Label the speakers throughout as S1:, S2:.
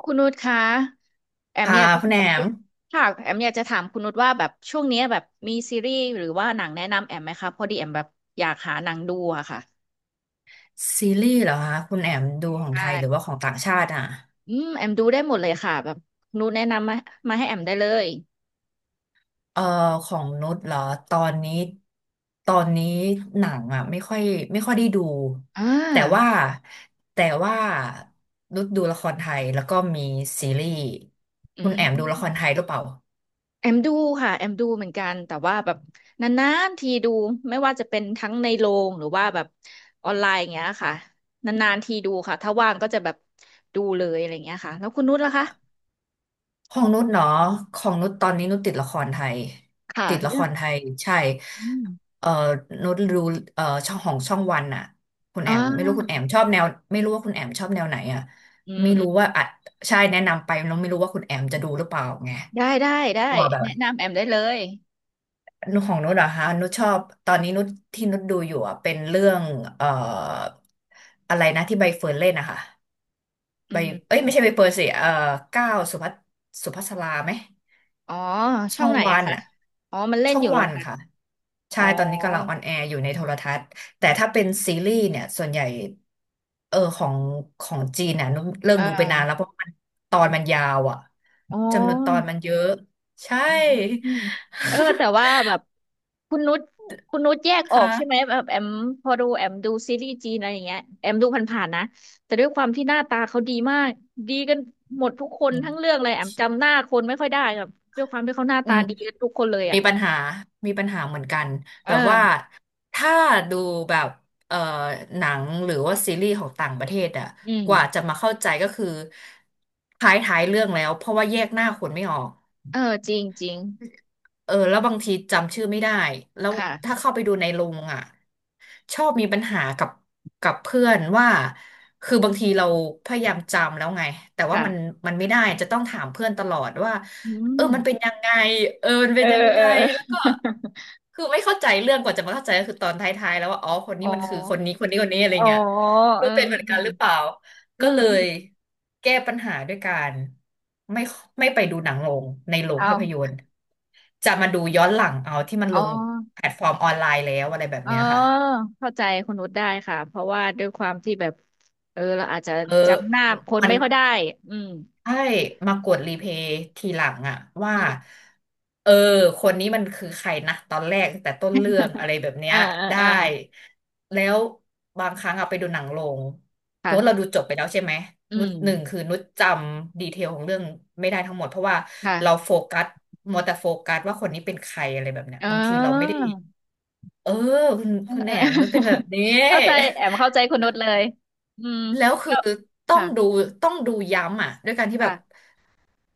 S1: คุณนุชคะแอม
S2: ค่ะ
S1: อยากจะ
S2: คุณแอ
S1: ถามค
S2: ม
S1: ณค่ะแอมอยากจะถามคุณนุชว่าแบบช่วงเนี้ยแบบมีซีรีส์หรือว่าหนังแนะนำแอมไหมคะพอดีแอมแบบอยากหาหนังดูอะค่ะ
S2: ซีรีส์เหรอคะคุณแอมดูของ
S1: ใช่
S2: ไทยหรือว่าของต่างชาติอ่ะ
S1: อืมแอมดูได้หมดเลยค่ะแบบนุชแนะนำมาให้แอมได้เลย
S2: เอ่อของนุชเหรอตอนนี้ตอนนี้หนังอ่ะไม่ค่อยได้ดู
S1: อ่า
S2: แต่ว่าแต่ว่านุชดูละครไทยแล้วก็มีซีรีส์
S1: อื
S2: คุณแอ
S1: ม
S2: มดูละครไทยหรือเปล่า
S1: แอมดูค่ะแอมดูเหมือนกันแต่ว่าแบบนานๆทีดูไม่ว่าจะเป็นทั้งในโรงหรือว่าแบบออนไลน์อย่างเงี้ยค่ะนานๆทีดูค่ะถ้าว่างก็จะแบบดูเลยอะไรอย่างเงี้ยค่ะแล้วคุณนุชล่ะคะ
S2: ของนุชเนาะของนุชตอนนี้นุชติดละครไทย
S1: ค่ะ
S2: ติดละค
S1: เรื่อง
S2: รไทยใช่
S1: อืม
S2: เอ่อนุชรู้ช่องของช่องวันอะคุณแอ
S1: อ่
S2: มไม่รู้
S1: า
S2: คุณแอมชอบแนวไม่รู้ว่าคุณแอมชอบแนวไหนอะ
S1: อืม
S2: ไม่
S1: อื
S2: รู้
S1: ม
S2: ว่าอ่ะใช่แนะนำไปนุชไม่รู้ว่าคุณแอมจะดูหรือเปล่าไง
S1: ได้ได้ได้
S2: ว่าแบบ
S1: แนะนำแอมได้เลย
S2: นุชของนุชเหรอฮะนุชชอบตอนนี้นุชที่นุชดูอยู่อะเป็นเรื่องเอ่ออะไรนะที่ใบเฟิร์นเล่นนะคะ
S1: อื
S2: ใบ
S1: ม
S2: เอ้ยไม่ใช่ใบเฟิร์นสิก้าวสุภัสสุภัสราไหม
S1: อ๋อช่
S2: ช่
S1: อ
S2: อ
S1: ง
S2: ง
S1: ไหน
S2: วั
S1: อะ
S2: น
S1: คะ
S2: อะ
S1: อ๋อมันเล่น
S2: ช่อ
S1: อ
S2: ง
S1: ยู่เหร
S2: วั
S1: อ
S2: น
S1: คะ
S2: ค่ะใช่
S1: อ๋อ
S2: ตอนนี้กำลังออนแอร์อยู่ในโทรทัศน์แต่ถ้าเป็นซีรีส์เนี่ยส่วนใหญ่เออของของจีนน่ะนุ้มเลิก
S1: อ่
S2: ดูไปนานแล้
S1: า
S2: วเพราะมันตอนมันยาวอ่ะ
S1: อ๋อ
S2: จำนวนตอนมันเยอะใช่
S1: อืมเออแต่ว่าแบบคุณนุชคุณนุชแยก
S2: ค
S1: ออกใช่ไหม
S2: ่ะ
S1: แบบแอมพอดูแอมดูซีรีส์จีนอะไรอย่างเงี้ยแอมดูผ่านๆนะแต่ด้วยความที่หน้าตาเขาดีมากดีกันหมดทุกคนทั้งเรื่องเลยแอมจำหน้าคนไม่ค่อยได้ครับด้วยความที่เขาหน้า
S2: อื
S1: ตา
S2: ม
S1: ดีกันทุกคนเลยอะ
S2: มีปัญหา มีปัญหาเหมือนกัน
S1: เอ
S2: แบ
S1: อ
S2: บว่าถ้าดูแบบเอ่อหนังหรือว่าซีรีส์ของต่างประเทศอะ
S1: อืม
S2: กว่าจะมาเข้าใจก็คือท้ายท้ายเรื่องแล้วเพราะว่าแยกหน้าคนไม่ออก
S1: เออจริงจริง
S2: เออแล้วบางทีจำชื่อไม่ได้แล้ว
S1: ค่ะ
S2: ถ้าเข้าไปดูในโรงอ่ะชอบมีปัญหากับกับเพื่อนว่าคือบางทีเราพยายามจำแล้วไงแต่ว่า
S1: ค่ะ
S2: มันไม่ได้จะต้องถามเพื่อนตลอดว่า
S1: อื
S2: เอ
S1: ม
S2: อมันเป็นยังไงเออมัน
S1: เอ
S2: เป็น
S1: อ
S2: ยัง
S1: เอ
S2: ไง
S1: อเออ
S2: แล้วก็คือไม่เข้าใจเรื่องกว่าจะมาเข้าใจก็คือตอนท้ายๆแล้วว่าอ๋อคน
S1: อ๋
S2: นี้
S1: อ
S2: มันคือคนนี้คนนี้คนนี้อะไร
S1: อ๋อ
S2: เงี้ยไม่
S1: อื
S2: รู้
S1: ม
S2: เป็นเหมือน
S1: อื
S2: กัน
S1: ม
S2: หรือเปล่า
S1: อื
S2: ก็
S1: ม
S2: เล
S1: อื
S2: ย
S1: ม
S2: แก้ปัญหาด้วยการไม่ไม่ไปดูหนังโรงในโรง
S1: เอา
S2: ภาพยนตร์จะมาดูย้อนหลังเอาที่มัน
S1: อ๋
S2: ล
S1: อ
S2: งแพลตฟอร์มออนไลน์แล้วอะไรแบบ
S1: อ๋อ
S2: เนี้ยค่ะ
S1: เข้าใจคุณนุชได้ค่ะเพราะว่าด้วยความที่แบบเออเราอาจจะ
S2: เออ
S1: จำหน้าคน
S2: มัน
S1: ไม่ค่อยได้อืม
S2: ใช่มากดรีเพย์ทีหลังอะว่า
S1: อืม
S2: เออคนนี้มันคือใครนะตอนแรกแต่ต้นเรื่องอะ ไรแบบเนี้
S1: อ่า
S2: ย
S1: อ่า
S2: ได้
S1: อ่า
S2: แล้วบางครั้งเอาไปดูหนังโรงเพราะเรา
S1: ค่ะ
S2: ดูจบไปแล้วใช่ไหม
S1: อื
S2: นุ
S1: ม
S2: ชหนึ่งคือนุชจำดีเทลของเรื่องไม่ได้ทั้งหมดเพราะว่าเรา
S1: ค่ะ
S2: โฟกัสมัวแต่โฟกัสว่าคนนี้เป็นใครอะไรแบบเนี้ย
S1: อ๋อ
S2: บางทีเราไม่ได้เออ
S1: เออ
S2: คุณแหน
S1: เออ
S2: มนุชเป็นแบบนี้
S1: เข้าใจแอมเข้าใจคุณนุชเลยอืม
S2: แล้วคือ
S1: แล้ว
S2: ต้อง
S1: ค่ะ
S2: ดูต้องดูย้ำอ่ะด้วยการที่แบบ
S1: ค่ะ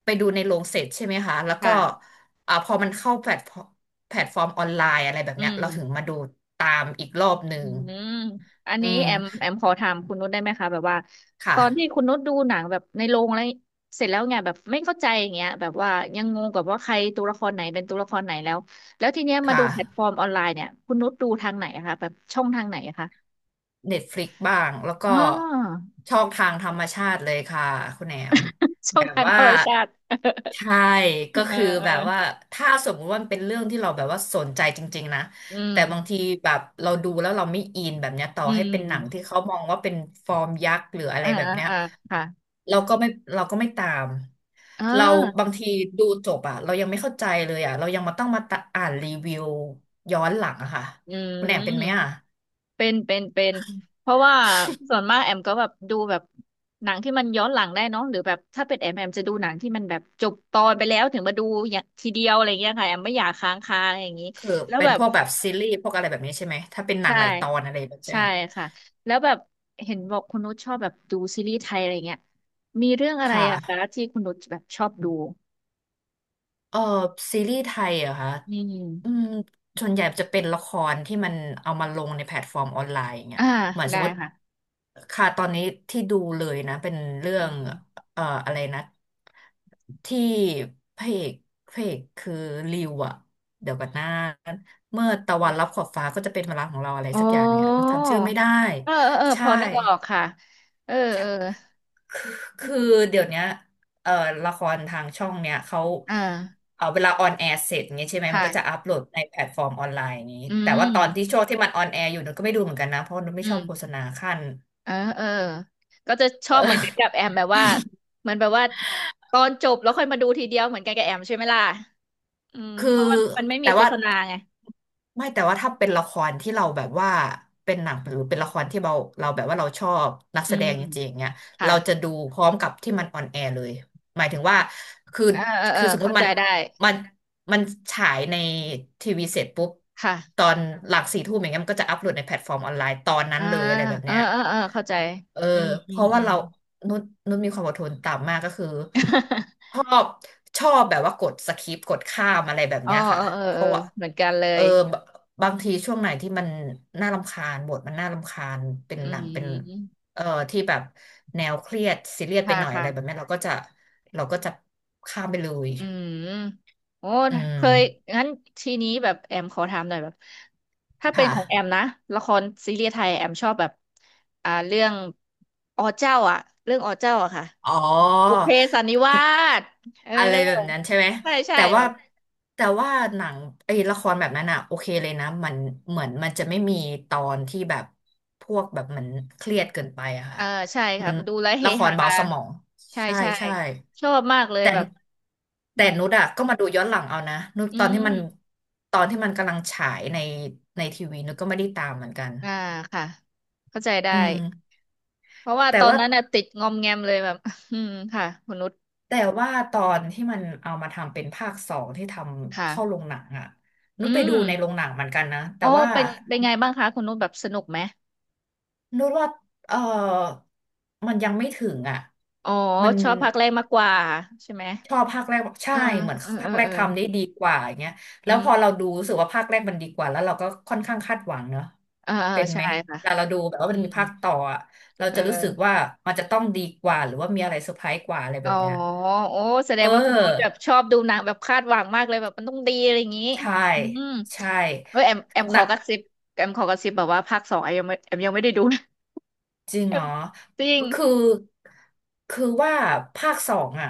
S2: ไปดูในโรงเสร็จใช่ไหมคะแล้วก็
S1: ค่ะ
S2: อ่าพอมันเข้าแพลตฟอร์มออนไลน์อะไรแบบ
S1: อื
S2: เนี้ยเราถึง
S1: ม
S2: มาดูตามอีกรอบหนึ่
S1: อื
S2: ง
S1: มอัน
S2: อื
S1: นี้แอม
S2: ม
S1: แอมขอถามคุณนุชได้ไหมคะแบบว่า
S2: ค
S1: ตอนที่
S2: ่ะ
S1: คุณนุชดูหนังแบบในโรงอะไรเสร็จแล้วไงแบบไม่เข้าใจอย่างเงี้ยแบบว่ายังงงกับว่าใครตัวละครไหนเป็นตัวละครไหนแล้วทีเนี้ยมาดู
S2: ค่ะ
S1: แพลตฟอร์มออนไลน์เนี่ยคุณนุชดูทางไหนอะคะแบบช่องทางไหนอะคะ
S2: Netflix บ้างแล้วก็
S1: อ๋อ
S2: ช่องทางธรรมชาติเลยค่ะคุณแหนม
S1: ช่อ
S2: แบ
S1: ง
S2: บ
S1: ทาง
S2: ว่า
S1: ธรรมชาติ
S2: ใช่ก็
S1: เออ
S2: คือ
S1: เออ
S2: แบบว่าถ้าสมมติว่ามันเป็นเรื่องที่เราแบบว่าสนใจจริงๆนะ
S1: อืม
S2: แต่บางทีแบบเราดูแล้วเราไม่อินแบบเนี้ยต่อ
S1: อื
S2: ให้
S1: ม
S2: เป็นหนังที่เขามองว่าเป็นฟอร์มยักษ์หรืออะไร
S1: อ่า
S2: แบบ
S1: อ่า
S2: เนี้ย
S1: อ่าค่ะ
S2: เราก็ไม่เราก็ไม่ตาม
S1: เอ่า
S2: เราบางทีดูจบอะเรายังไม่เข้าใจเลยอะเรายังมาต้องมาตะอ่านรีวิวย้อนหลังอะค่ะ
S1: อืม
S2: คุณแอมเป็นไหมอะ
S1: เป็นเป็นเป็นเพราะว่าส่วนมากแอมก็แบบดูแบบหนังที่มันย้อนหลังได้เนาะหรือแบบถ้าเป็นแอมแอมจะดูหนังที่มันแบบจบตอนไปแล้วถึงมาดูอย่างทีเดียวอะไรเงี้ยค่ะแอมไม่อยากค้างคาอะไรอย่างนี้
S2: คือ
S1: แล้ว
S2: เป็น
S1: แบ
S2: พ
S1: บ
S2: วกแบบซีรีส์พวกอะไรแบบนี้ใช่ไหมถ้าเป็นหนัง
S1: ใช่
S2: หลายตอนอะไรแบบเนี้ย
S1: ใช่ค่ะแล้วแบบเห็นบอกคุณนุชชอบแบบดูซีรีส์ไทยอะไรเงี้ยมีเรื่องอะไรอะคะ
S2: ค่ะ
S1: ที่คุณนุชแบบชอบดู
S2: เออซีรีส์ไทยเหรอคะ
S1: อืม
S2: อืมส่วนใหญ่จะเป็นละครที่มันเอามาลงในแพลตฟอร์มออนไลน์อย่างเงี้ย
S1: อ่า
S2: เหมือนส
S1: ได้
S2: มมติ
S1: ค่ะ
S2: ค่ะตอนนี้ที่ดูเลยนะเป็นเรื่อง
S1: อืม
S2: อะไรนะที่พระเอกพระเอกคือริวอะเดี๋ยวกันนะเมื่อตะวันรับขอบฟ้าก็จะเป็นเวลาของเราอะไร
S1: โอ้
S2: สักอย่างเนี่ยจำชื่อไม่ได้
S1: เออเออเออพ
S2: ใช่
S1: อนึกออกค่ะเออเออ
S2: คือคือเดี๋ยวเนี้ยเอ่อละครทางช่องเนี้ยเขา
S1: อ่า
S2: เอาเวลาออนแอร์เสร็จอย่างเงี้ยใช่ไหมมั
S1: ค่ะ
S2: นก็จะอัพโหลดในแพลตฟอร์มออนไลน์อย่างงี้
S1: อื
S2: แต่ว่าต
S1: ม
S2: อนที่ช่วงที่มันออนแอร์อยู่หนูก็ไม่ดูเหมือนกันนะเพราะหนูไม่
S1: อื
S2: ชอ
S1: ม
S2: บโฆษณาขั้น
S1: เออเออก็จะชอ
S2: เอ
S1: บเหมือนกัน
S2: อ
S1: กับแอมแบบว่ามันแบบว่าตอนจบแล้วค่อยมาดูทีเดียวเหมือนกันกับแอมใช่ไหมล่ะอืม
S2: คื
S1: เพ
S2: อ
S1: ราะว่ามันไม่มี
S2: แต่
S1: โฆ
S2: ว่า
S1: ษณาไง
S2: ไม่แต่ว่าถ้าเป็นละครที่เราแบบว่าเป็นหนังหรือเป็นละครที่เราแบบว่าเราชอบนัก
S1: อื
S2: แสด
S1: ม
S2: งจริงๆเนี่ย
S1: ค่ะ
S2: เราจะดูพร้อมกับที่มันออนแอร์เลยหมายถึงว่าคือ
S1: เออเออเออ
S2: คือสมม
S1: เข้า
S2: ติ
S1: ใจ
S2: มัน
S1: ได้
S2: มันมันฉายในทีวีเสร็จปุ๊บ
S1: ค่ะ
S2: ตอนหลังสี่ทุ่มอย่างเงี้ยมันก็จะอัปโหลดในแพลตฟอร์มออนไลน์ตอนนั้น
S1: อ่า
S2: เลยอะไรแบบ
S1: เออ
S2: เนี้ย
S1: เออเออเข้าใจ
S2: เออ
S1: อืมอื
S2: เพ
S1: ม
S2: ราะ
S1: อื
S2: ว่า
S1: ม
S2: เรานุชนุชมีความอดทนต่ำมากก็คือ ชอบชอบแบบว่ากดสคิปกดข้ามอะไรแบบ
S1: อ๋อ
S2: เนี้ย
S1: เอ
S2: ค่ะ
S1: อเออ
S2: เพ
S1: เออ
S2: ราะว่า
S1: เหมือนกันเล
S2: เออ
S1: ย
S2: บบบางทีช่วงไหนที่มันน่ารำคาญบทมันน่ารำคาญเป็น
S1: อื
S2: หนังเป็น
S1: ม
S2: เอ่อที่แบบแนวเครียดซีเรียสไป
S1: ค่ะ
S2: หน่อยอะ
S1: ค่ะ
S2: ไรแบบนี้เราก็จะเราก็จะข้ามไปเลย
S1: อืมโอ้
S2: อื
S1: เค
S2: ม
S1: ยงั้นทีนี้แบบแอมขอถามหน่อยแบบถ้าเป็น
S2: ค่ะ
S1: ของแอมนะละครซีรีส์ไทยแอมชอบแบบเรื่องอเจ้าอ่ะเรื่องอเจ้าอะค่ะ
S2: อ๋
S1: บุพ
S2: อ
S1: เพสันนิวาสเออ
S2: อะไรแบบนั้นใช่ไหม
S1: ใช่ใช่
S2: แต่
S1: แบ
S2: ว่า
S1: บ
S2: แต่ว่าหนังไอ้ละครแบบนั้นอะโอเคเลยนะมันเหมือนมันจะไม่มีตอนที่แบบพวกแบบมันเครียดเกินไปอะ
S1: เอ
S2: ค่ะ
S1: อใช่ค
S2: มั
S1: รั
S2: น
S1: บดูแล้วเฮ
S2: ละค
S1: ฮา
S2: รเบาสมอง
S1: ใช่
S2: ใช่
S1: ใช่
S2: ใช่
S1: ชอบมากเลย
S2: แต่
S1: แบบอื
S2: แต่
S1: ม
S2: นุชอะก็มาดูย้อนหลังเอานะนุช
S1: อื
S2: ตอนที่มัน
S1: ม
S2: ตอนที่มันกำลังฉายในทีวีนุชก็ไม่ได้ตามเหมือนกัน
S1: อ่าค่ะเข้าใจได้
S2: อืม
S1: เพราะว่าต
S2: แต่
S1: อน
S2: ว่า
S1: นั้นน่ะติดงอมแงมเลยแบบ อืมค่ะคุณนุช
S2: แต่ว่าตอนที่มันเอามาทำเป็นภาคสองที่ทำเข้าโร
S1: ค่ะ
S2: งหนังอะนุ
S1: อื
S2: ชไปดู
S1: ม
S2: ในโรงหนังเหมือนกันนะแต่
S1: อ๋อ
S2: ว่า
S1: เป็นเป็นไงบ้างคะ คุณนุชแบบสนุกไหม
S2: นุชว่าเออมันยังไม่ถึงอะ
S1: อ๋อ
S2: มัน
S1: ชอบภาคแรกมากกว่าใช่ไหม
S2: ชอบภาคแรกใช่
S1: เออ
S2: เหมือน
S1: เออเอ
S2: ภา
S1: อ
S2: คแร
S1: เอ
S2: ก
S1: อ
S2: ทำได้ดีกว่าอย่างเงี้ยแล้
S1: อื
S2: ว
S1: ม
S2: พอเราดูรู้สึกว่าภาคแรกมันดีกว่าแล้วเราก็ค่อนข้างคาดหวังเนอะ
S1: เออเออ
S2: เป็น
S1: ใช่
S2: ไหม
S1: ค่ะ
S2: เวลาเราดูแบบว่า
S1: อื
S2: มันมี
S1: ม
S2: ภาคต่ออะเรา
S1: เอ
S2: จะรู้สึก
S1: อ
S2: ว่ามันจะต้องดีกว่าหรือว่ามีอะไรเซอร์ไพรส์กว่าอะไร
S1: อ๋
S2: แบ
S1: อ
S2: บเนี้ย
S1: โอ้แสด
S2: เอ
S1: งว่าคุณนุชแบบ
S2: อ
S1: ชอบดูหนังแบบคาดหวังมากเลยแบบมันต้องดีอะไรอย่างนี้
S2: ใช่
S1: อืม
S2: ใช่
S1: เออแอมแอมข
S2: ห
S1: อ
S2: นัก
S1: กระซิบแอมขอกระซิบแบบว่าภาคสองแอมยังไม่แอมยังไม่ได้ดูนะ
S2: จริ ง
S1: แอ
S2: เหร
S1: ม
S2: อ
S1: จริง
S2: คือ คือว่าภาคสองอ่ะ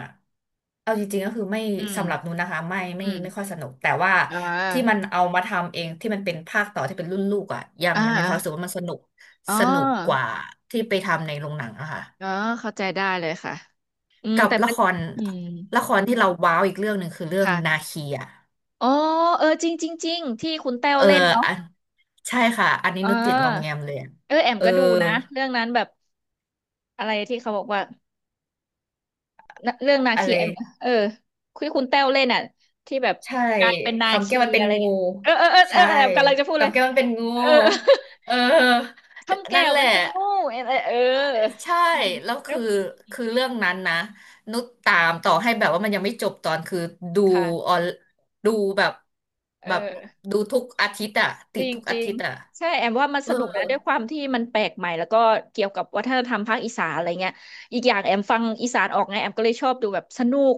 S2: เอาจริงๆก็คือไม่
S1: อืม
S2: สำหรับนูนนะคะไม่
S1: อื
S2: ไม่
S1: ม
S2: ไม่ค่อยสนุกแต่ว่า
S1: อ่
S2: ที่มัน
S1: า
S2: เอามาทำเองที่มันเป็นภาคต่อที่เป็นรุ่นลูกอ่ะยัง
S1: อ่า
S2: มีความรู้สึกว่ามันสนุก
S1: อ๋
S2: สนุกก
S1: อ
S2: ว่าที่ไปทำในโรงหนังอะค่ะ
S1: อ๋อเข้าใจได้เลยค่ะอืม
S2: กับ
S1: แต่
S2: ละ
S1: มัน
S2: คร
S1: อืม
S2: ละครที่เราว้าวอีกเรื่องหนึ่งคือเรื่องนา
S1: ค่ะ
S2: คีอ่ะ
S1: อ๋อเออจริงจริงจริงที่คุณแต้ว
S2: เออ
S1: เล่นเนาะ
S2: อันใช่ค่ะอันนี้
S1: เอ
S2: นุชติดงอมแง
S1: อ
S2: มเลยอะ
S1: เออแอม
S2: เออ
S1: ก็ดูนะเรื่องนั้นแบบอะไรที่เขาบอกว่านะเรื่องนา
S2: อะ
S1: คี
S2: ไร
S1: แอมเออคุยคุณแต้วเล่นอ่ะที่แบบ
S2: ใช่
S1: กลายเป็นนา
S2: คำแก้
S1: คี
S2: วมันเป็น
S1: อะไร
S2: งู
S1: เนี่ยเออเออเออเอ
S2: ใช่
S1: อแอมกำลังจะพูดเล
S2: คำ
S1: ย
S2: แก้วมันเป็นงู
S1: เออ
S2: เออ
S1: คำแก้
S2: นั่น
S1: ว
S2: แห
S1: มั
S2: ละ
S1: นเป็นงูเออเออเอ
S2: ใช่
S1: อ
S2: แล้ว
S1: แล้
S2: คื
S1: ว
S2: อคือเรื่องนั้นนะนุชตามต่อให้แบบว่ามันยังไม่จบตอนคือดู
S1: ค่ะ
S2: ออนดูแบบ
S1: เอ
S2: แบบ
S1: อ
S2: ดูทุกอาทิตย์อะ
S1: จ
S2: ติด
S1: ริง
S2: ทุก
S1: จ
S2: อา
S1: ริง
S2: ทิตย์อะ
S1: ใช่แอมว่ามัน
S2: เอ
S1: ส
S2: อ
S1: นุกนะด้วยความที่มันแปลกใหม่แล้วก็เกี่ยวกับวัฒนธรรมภาคอีสานอะไรเงี้ยอีกอย่างแอมฟังอีสานออกไงแอมก็เลยชอบดูแบบสนุก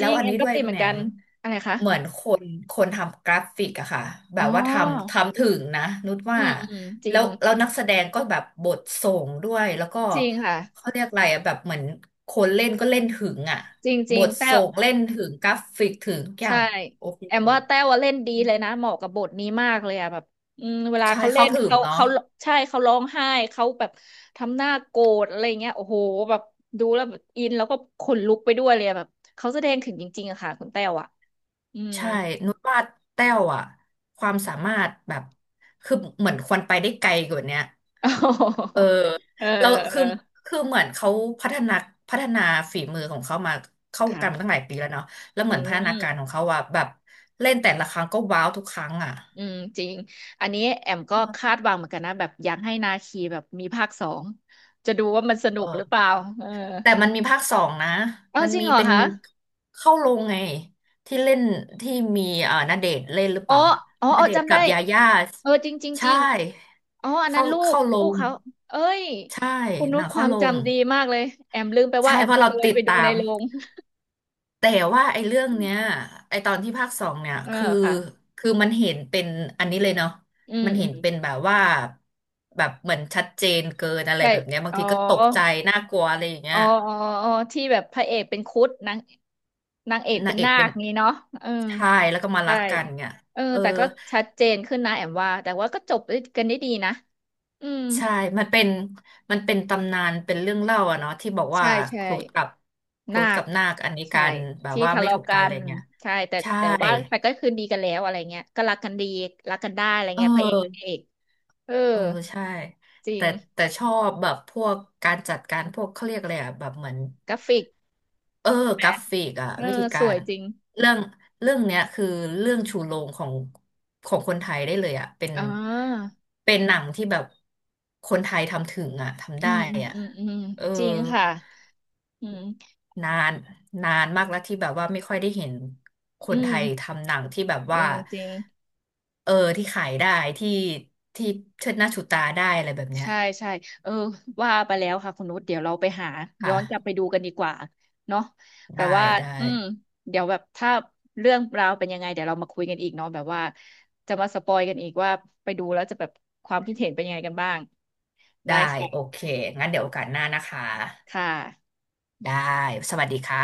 S1: จ
S2: ล้
S1: ริ
S2: ว
S1: ง
S2: อัน
S1: แอม
S2: นี้
S1: ก็
S2: ด้วย
S1: ติด
S2: คุ
S1: เห
S2: ณ
S1: มือ
S2: แห
S1: น
S2: น
S1: กัน
S2: ม
S1: อะไรคะ
S2: เหมือนคนทำกราฟิกอะค่ะแบ
S1: อ๋อ
S2: บว่าทำถึงนะนุช
S1: อื
S2: ว่า
S1: มอืมจริ
S2: แล้
S1: ง
S2: วแล้วนักแสดงก็แบบบทส่งด้วยแล้วก็
S1: จริงค่ะ
S2: เขาเรียกอะไรอะแบบเหมือนคนเล่นก็เล่นถึงอะ
S1: จริงจ
S2: บ
S1: ริง
S2: ท
S1: แต่
S2: ส่งเล่นถึงกราฟิกถึงทุกอย่า
S1: ใช่
S2: งโอเค
S1: แอ
S2: เล
S1: ม
S2: ย
S1: ว่าแต้วอะเล่นดีเลยนะเหมาะกับบทนี้มากเลยอะแบบอืมเวลา
S2: ใช่
S1: เขาเล่
S2: เข้า
S1: น
S2: ถึง
S1: เขา
S2: เนาะ
S1: เขาใช่เขาร้องไห้เขาแบบทำหน้าโกรธอะไรเงี้ยโอ้โหแบบดูแล้วแบบอินแล้วก็ขนลุกไปด้วยเลยอะแบบเขาแสดงถึงจริงๆอะค่ะคุณแต้วอะอืม
S2: ใช่นุชว่าแต้วอะความสามารถแบบคือเหมือนควรไปได้ไกลกว่าเนี้ย
S1: โอ้โห
S2: เออ
S1: เออ
S2: เรา
S1: เอ
S2: คื
S1: อ
S2: อคือเหมือนเขาพัฒนาพัฒนาฝีมือของเขามาเข้าวงการมาตั้ง
S1: ค่ะ
S2: หลายปีแล้วเนาะแล้วเห
S1: อื
S2: มือนพัฒนาการข
S1: ม
S2: องเขาว่าแบบเล่นแต่ละครั้งก็ว้าวทุกครั้งอ่ะ
S1: อืมจริงอันนี้แอม
S2: เอ
S1: ก็คา
S2: อ
S1: ดหวังเหมือนกันนะแบบอยากให้นาคีแบบมีภาคสองจะดูว่ามันสนุ
S2: เอ
S1: กหรื
S2: อ
S1: อเปล่าเออ
S2: แต่มันมีภาคสองนะ
S1: เอ้า
S2: มัน
S1: จริง
S2: มี
S1: เหรอ
S2: เป็น
S1: คะ
S2: เข้าโรงไงที่เล่นที่มีณเดชน์เล่นหรือเป
S1: อ๋อ
S2: ล่า
S1: อ๋อ
S2: ณ
S1: เออ
S2: เดชน์
S1: จำ
S2: กั
S1: ได้
S2: บยาย่า
S1: เออจริงจริงจ
S2: ใช่
S1: ริงอ๋ออันนั้
S2: เข้า
S1: นลูก
S2: เข้าโร
S1: ลูก
S2: ง
S1: เขา เอ้ย
S2: ใช่
S1: คุณ
S2: ห
S1: นุ
S2: นั
S1: ช
S2: ง
S1: ค
S2: เข้า
S1: วาม
S2: โรง
S1: จำดีมากเลยแอมลืมไปว่า
S2: ใช่
S1: แอ
S2: เพ
S1: ม
S2: ราะ
S1: เค
S2: เรา
S1: ย
S2: ติด
S1: ไปดู
S2: ตา
S1: ใน
S2: ม
S1: โรง
S2: แต่ว่าไอ้เรื่องเนี้ยไอ้ตอนที่ภาคสองเนี่ย
S1: เออ
S2: คือ
S1: ค่ะ
S2: คือมันเห็นเป็นอันนี้เลยเนาะ
S1: อืม
S2: มัน
S1: อื
S2: เห็น
S1: ม
S2: เป็นแบบว่าแบบเหมือนชัดเจนเกินอะไร
S1: ใช่
S2: แบบเนี้ยบาง
S1: อ๋อ
S2: ทีก็ตกใจน่ากลัวอะไรอย่างเงี้
S1: อ๋อ
S2: ย
S1: อ๋ออ๋อ ที่แบบพระเอกเป็นครุฑนางนางเอกเป็
S2: นา
S1: น
S2: งเอก
S1: นา
S2: เป็
S1: ค
S2: น
S1: งี้เนาะเออ
S2: ชายแล้วก็มารั
S1: ใช่
S2: กกันเนี่ย
S1: เออ
S2: เออ
S1: แต่ก็ชัดเจนขึ้นนะแอมว่าแต่ว่าก็จบด้วยกันได้ดีนะ อืม
S2: ใช่มันเป็นมันเป็นตำนานเป็นเรื่องเล่าอะเนาะที่บอกว่า
S1: ใช่ใช่
S2: ครุฑกับครุ
S1: นา
S2: ฑ
S1: ค
S2: กับนาคอันนี้
S1: ใช่
S2: กันแบบ
S1: ที่
S2: ว่า
S1: ทะ
S2: ไม่
S1: เลาะ
S2: ถูก
S1: กั
S2: กันอะไร
S1: น
S2: เงี้ย
S1: ใช่แต่
S2: ใช่
S1: แต่ว่ามันก็คืนดีกันแล้วอะไรเงี้ยก็รักกันดีรักกันได้อะไร
S2: เอ
S1: เงี้ยพระเอกนาง
S2: อ
S1: เอกเออ
S2: เออใช่
S1: จริ
S2: แต่
S1: ง
S2: แต่ชอบแบบพวกการจัดการพวกเขาเรียกอะไรอะแบบเหมือน
S1: กราฟิก
S2: เออ
S1: แห
S2: กราฟิกอะ
S1: เออ
S2: วิธี
S1: ส
S2: กา
S1: วย
S2: ร
S1: จริง
S2: เรื่องเรื่องเนี้ยคือเรื่องชูโรงของของคนไทยได้เลยอะเป็น
S1: อ๋อ
S2: เป็นหนังที่แบบคนไทยทำถึงอะทำ
S1: อื
S2: ได้
S1: มอืม
S2: อะ
S1: อืมอืม
S2: เออ
S1: จริงค่ะอืม
S2: นานนานมากแล้วที่แบบว่าไม่ค่อยได้เห็นค
S1: อื
S2: นไท
S1: ม
S2: ยทำหนังที่แบบ
S1: จ
S2: ว่า
S1: ริงจริง
S2: เออที่ขายได้ที่ที่เชิดหน้าชูตาได้อะไรแบบเนี้ย
S1: ใช่ใช่เออว่าไปแล้วค่ะคุณนุชเดี๋ยวเราไปหาย้อนกลับไป
S2: ค่ะ
S1: ดูกันดีกว่าเนาะแบ
S2: ได้
S1: บว่า
S2: ได้
S1: อืมเดี๋ยวแบบถ้าเรื่องราวเป็นยังไงเดี๋ยวเรามาคุยกันอีกเนาะแบบว่าจะมาสปอยกันอีกว่าไปดูแล้วจะแบบความคิดเห็นเป็นยังไงกันบ้างได้
S2: ได้โอ
S1: ค่ะ
S2: เคงั้นเดี๋ยวโอกาสหน้านะคะ
S1: ค่ะ
S2: ได้สวัสดีค่ะ